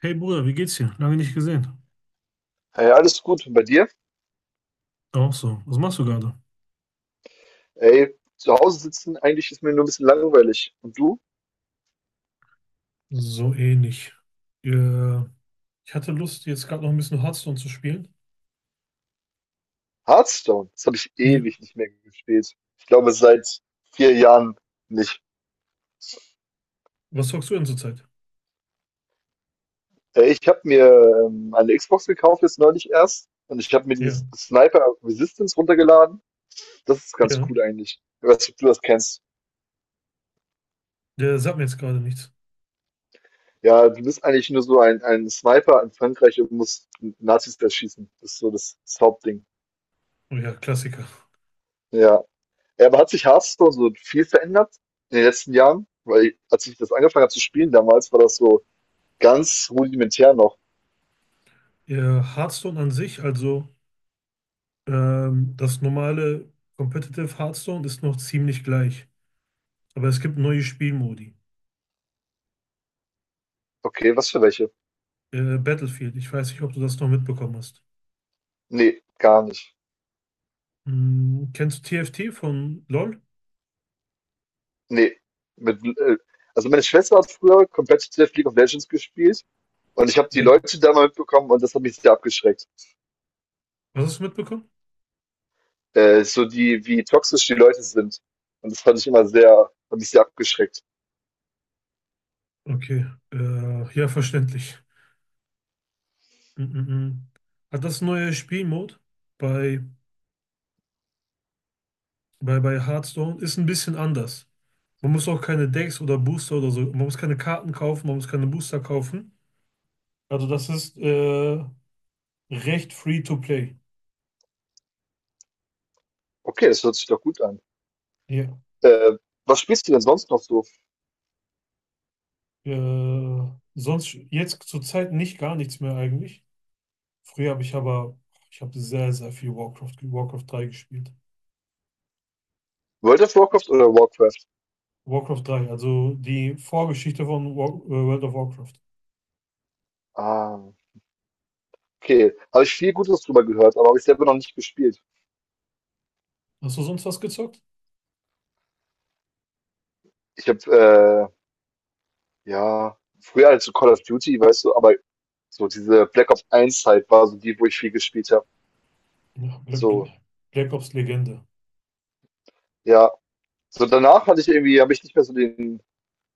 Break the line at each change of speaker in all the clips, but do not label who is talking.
Hey Bruder, wie geht's dir? Lange nicht gesehen.
Hey, alles gut. Und bei dir?
Auch so. Was machst du gerade?
Ey, zu Hause sitzen, eigentlich ist mir nur ein bisschen langweilig. Und du?
So ähnlich. Äh, ich hatte Lust, jetzt gerade noch ein bisschen Hearthstone zu spielen.
Hearthstone. Das habe ich
Ja.
ewig nicht mehr gespielt. Ich glaube, seit vier Jahren nicht.
Was zockst du denn zurzeit?
Ey, ich habe mir eine Xbox gekauft, jetzt neulich erst. Und ich habe mir
Ja,
dieses Sniper Resistance runtergeladen. Das ist ganz
ja.
cool eigentlich. Ich weiß nicht, ob du das kennst.
Der sagt mir jetzt gerade nichts.
Ja, du bist eigentlich nur so ein Sniper in Frankreich und musst Nazis erschießen. Das ist so das Hauptding.
Oh ja, Klassiker.
Ja. Ja, aber hat sich Hearthstone so viel verändert in den letzten Jahren? Weil als ich das angefangen habe zu spielen damals, war das so ganz rudimentär noch.
Ja, Hearthstone an sich, also das normale Competitive Hearthstone ist noch ziemlich gleich. Aber es gibt neue Spielmodi.
Okay, was für welche?
Battlefield, ich weiß nicht, ob du das noch mitbekommen hast.
Nee, gar nicht.
Kennst du TFT von LoL?
Nee. Mit, äh, also meine Schwester hat früher Competitive League of Legends gespielt und ich habe die
Ja.
Leute da mal mitbekommen und das hat mich sehr abgeschreckt.
Was hast du mitbekommen?
So die, wie toxisch die Leute sind. Und das fand ich immer sehr, hat mich sehr abgeschreckt.
Okay, ja, verständlich. Mm, mm, mm. Hat das neue Spielmod bei, bei Hearthstone ist ein bisschen anders. Man muss auch keine Decks oder Booster oder so, man muss keine Karten kaufen, man muss keine Booster kaufen. Also das ist recht free to play.
Okay, das hört sich doch gut an.
Ja.
Äh, Was spielst du denn sonst noch so?
Äh, sonst jetzt zurzeit nicht gar nichts mehr eigentlich. Früher habe ich aber, ich habe sehr, sehr viel Warcraft, Warcraft 3 gespielt.
World of Warcraft oder Warcraft?
Warcraft 3, also die Vorgeschichte von World of Warcraft.
Ah. Okay, habe ich viel Gutes drüber gehört, aber habe ich selber noch nicht gespielt.
Hast du sonst was gezockt?
Ich habe, ja, früher halt so Call of Duty, weißt du, aber so diese Black Ops eins Zeit war so die, wo ich viel gespielt habe.
Ja,
So,
Black Ops Legende.
ja. So danach hatte ich irgendwie, habe ich nicht mehr so den,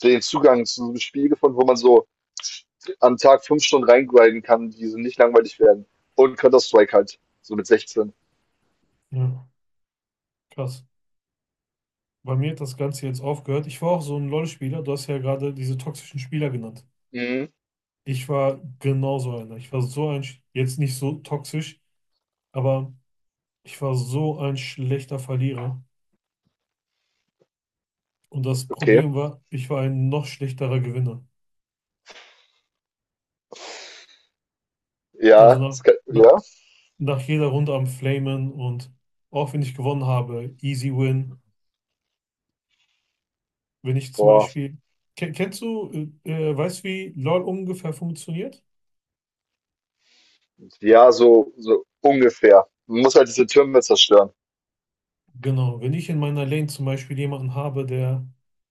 den Zugang zu so einem Spiel gefunden, wo man so am Tag fünf Stunden reingrinden kann, die so nicht langweilig werden. Und Counter-Strike halt, so mit 16.
Ja, krass. Bei mir hat das Ganze jetzt aufgehört. Ich war auch so ein LoL-Spieler. Du hast ja gerade diese toxischen Spieler genannt.
Mhm,
Ich war genauso einer. Ich war so ein, jetzt nicht so toxisch, aber ich war so ein schlechter Verlierer. Und das
okay.
Problem war, ich war ein noch schlechterer Gewinner.
Ja,
Also
das kann,
na,
ja,
nach jeder Runde am Flamen und auch wenn ich gewonnen habe, easy win. Wenn ich zum
boah,
Beispiel, Ken- kennst du, weißt du, wie LoL ungefähr funktioniert?
ja, so, so ungefähr. Man muss halt diese Türme zerstören.
Genau, wenn ich in meiner Lane zum Beispiel jemanden habe, der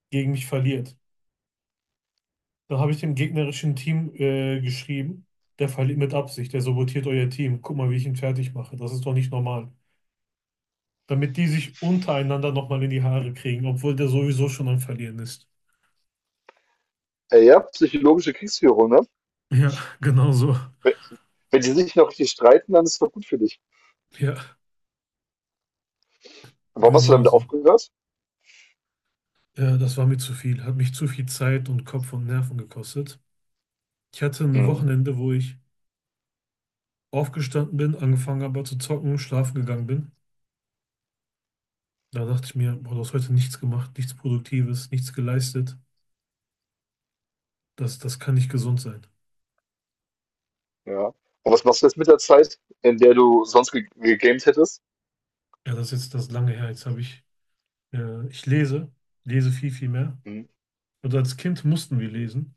gegen mich verliert, dann habe ich dem gegnerischen Team geschrieben, der verliert mit Absicht, der sabotiert euer Team. Guck mal, wie ich ihn fertig mache. Das ist doch nicht normal. Damit die sich untereinander nochmal in die Haare kriegen, obwohl der sowieso schon am Verlieren ist.
Ja, psychologische Kriegsführung, ne?
Ja, genau so.
Wenn wenn die sich noch richtig streiten, dann ist es doch gut für dich.
Ja,
Und warum hast du
genau
damit
so.
aufgehört?
Ja, das war mir zu viel. Hat mich zu viel Zeit und Kopf und Nerven gekostet. Ich hatte ein
Hm,
Wochenende, wo ich aufgestanden bin, angefangen habe zu zocken, schlafen gegangen bin. Da dachte ich mir, boah, du hast heute nichts gemacht, nichts Produktives, nichts geleistet. Das kann nicht gesund sein.
ja. Und was machst du jetzt mit der Zeit, in der du sonst ge gegamed hättest?
Ja, das ist jetzt das lange her. Jetzt habe ich, ich lese viel, viel mehr.
Hm.
Und als Kind mussten wir lesen.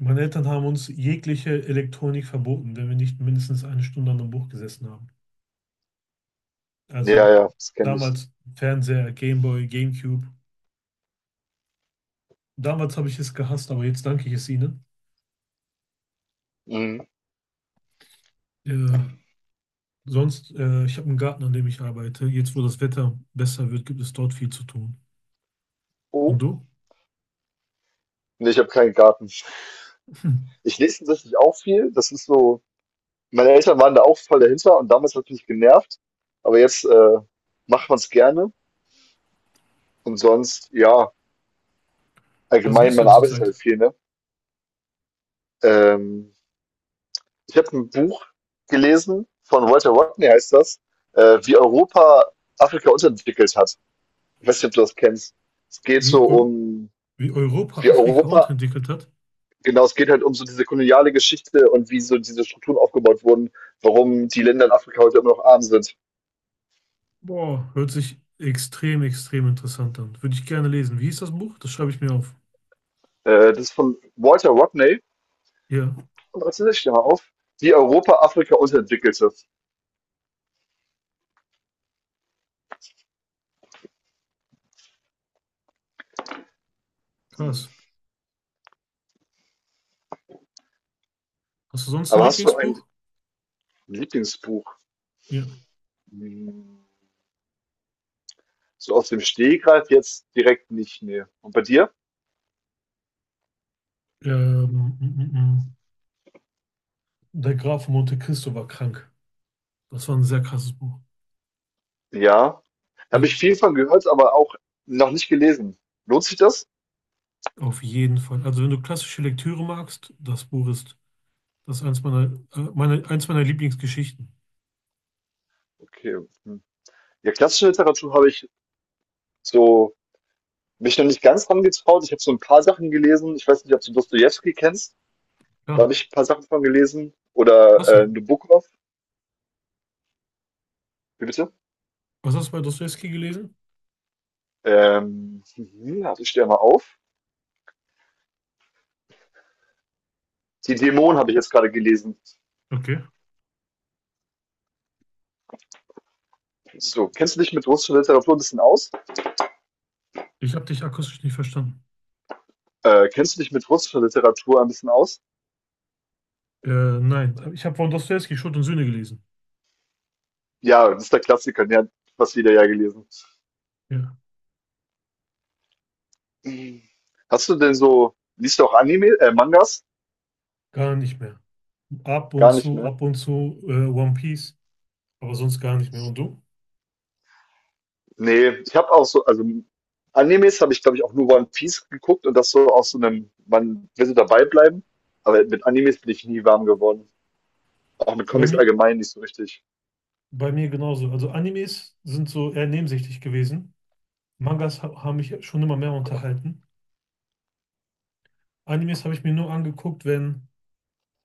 Meine Eltern haben uns jegliche Elektronik verboten, wenn wir nicht mindestens eine Stunde an einem Buch gesessen haben.
Ja,
Also
ja, das kenne ich.
damals Fernseher, Gameboy, Gamecube. Damals habe ich es gehasst, aber jetzt danke ich es ihnen.
Hm.
Äh, sonst, ich habe einen Garten, an dem ich arbeite. Jetzt, wo das Wetter besser wird, gibt es dort viel zu tun. Und
Oh,
du?
nee, ich habe keinen Garten.
Hm.
Ich lese tatsächlich auch viel. Das ist so, meine Eltern waren da auch voll dahinter und damals hat mich genervt. Aber jetzt macht man es gerne. Und sonst, ja,
Was
allgemein,
liest du
man
denn
arbeitet
zurzeit?
halt viel, ne? Ähm, Ich habe ein Buch gelesen von Walter Rodney, heißt das, wie Europa Afrika unterentwickelt hat. Ich weiß nicht, ob du das kennst. Es geht
Wie,
so
Eu
um,
wie Europa
wie
Afrika
Europa,
unterentwickelt hat?
genau, es geht halt um so diese koloniale Geschichte und wie so diese Strukturen aufgebaut wurden, warum die Länder in Afrika heute immer noch arm sind.
Boah, hört sich extrem, extrem interessant an. Würde ich gerne lesen. Wie hieß das Buch? Das schreibe ich mir auf.
Das ist von Walter Rodney
Ja,
und das ist mal auf, wie Europa Afrika unterentwickelte.
krass. Hast du sonst ein
Aber hast du ein
Lieblingsbuch?
Lieblingsbuch?
Ja.
Hm, so aus dem Stehgreif jetzt direkt nicht mehr. Und bei dir?
Ähm, mm, mm, mm. Der Graf von Monte Cristo war krank. Das war ein sehr krasses Buch.
Ja, habe ich
Ja,
viel von gehört, aber auch noch nicht gelesen. Lohnt sich das?
auf jeden Fall. Also wenn du klassische Lektüre magst, das Buch ist das ist eins meiner Lieblingsgeschichten.
Okay, hm. Ja, klassische Literatur habe ich so mich noch nicht ganz dran getraut. Ich habe so ein paar Sachen gelesen. Ich weiß nicht, ob du Dostojewski kennst. Da
Ja,
habe ich ein paar Sachen von gelesen. Oder
klasse.
Nabokov. Wie bitte?
Was hast du bei Dostojewski gelesen?
Mhm, also ich stehe mal auf. Die Dämonen habe ich jetzt gerade gelesen.
Okay.
So, kennst du dich mit russischer Literatur ein bisschen aus?
Ich habe dich akustisch nicht verstanden.
Kennst du dich mit russischer Literatur ein bisschen aus?
Äh, nein, ich habe von Dostojewski Schuld und Sühne gelesen.
Ja, das ist der Klassiker. Ja, was wieder ja gelesen.
Ja,
Hm. Hast du denn so, liest du auch Mangas?
gar nicht mehr.
Gar nicht mehr.
Ab und zu One Piece, aber sonst gar nicht mehr. Und du?
Nee, ich habe auch so, also Animes habe ich, glaube ich, auch nur One Piece geguckt und das so aus so einem, man will so dabei bleiben, aber mit Animes bin ich nie warm geworden. Auch mit
Bei
Comics
mir,
allgemein nicht so richtig.
bei mir genauso. Also Animes sind so eher nebensächlich gewesen. Mangas ha haben mich schon immer mehr unterhalten. Animes habe ich mir nur angeguckt, wenn,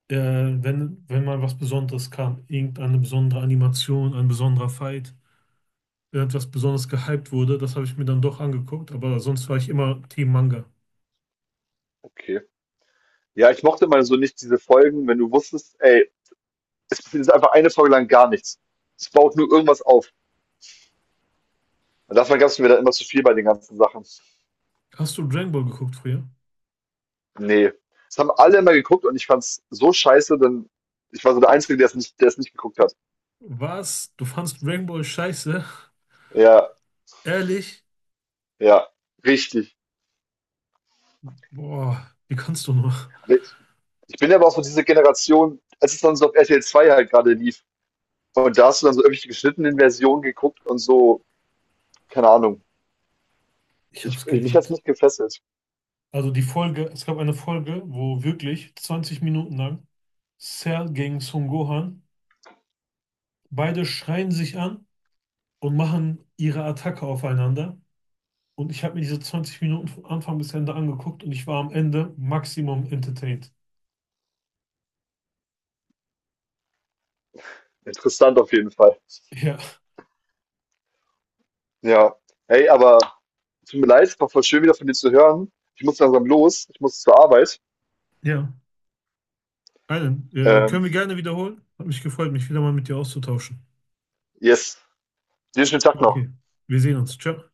äh, wenn, wenn mal was Besonderes kam. Irgendeine besondere Animation, ein besonderer Fight, irgendwas besonders gehypt wurde. Das habe ich mir dann doch angeguckt, aber sonst war ich immer Team Manga.
Okay. Ja, ich mochte mal so nicht diese Folgen, wenn du wusstest, ey, es ist einfach eine Folge lang gar nichts. Es baut nur irgendwas auf. Und davon gab es mir dann immer zu viel bei den ganzen Sachen.
Hast du Dragon Ball geguckt früher?
Nee, das haben alle immer geguckt und ich fand's so scheiße, denn ich war so der Einzige, der es nicht geguckt hat.
Was? Du fandst Dragon Ball scheiße?
Ja,
Ehrlich?
ja, richtig.
Boah, wie kannst du nur?
Ne, ich bin ja aber auch so diese Generation, als es dann so auf RTL 2 halt gerade lief und da hast du dann so irgendwelche geschnittenen Versionen geguckt und so, keine Ahnung.
Ich hab's
Ich mich hat's
geliebt.
nicht gefesselt.
Also die Folge, es gab eine Folge, wo wirklich 20 Minuten lang Cell gegen Son Gohan, beide schreien sich an und machen ihre Attacke aufeinander. Und ich habe mir diese 20 Minuten von Anfang bis Ende angeguckt und ich war am Ende maximum entertained.
Interessant auf jeden Fall.
Ja.
Ja. Hey, aber tut mir leid, war voll schön, wieder von dir zu hören. Ich muss langsam los, ich muss zur Arbeit.
Ja. Alan,
Ähm,
können wir gerne wiederholen? Hat mich gefreut, mich wieder mal mit dir auszutauschen.
yes, dir schönen Tag noch.
Okay, wir sehen uns. Ciao.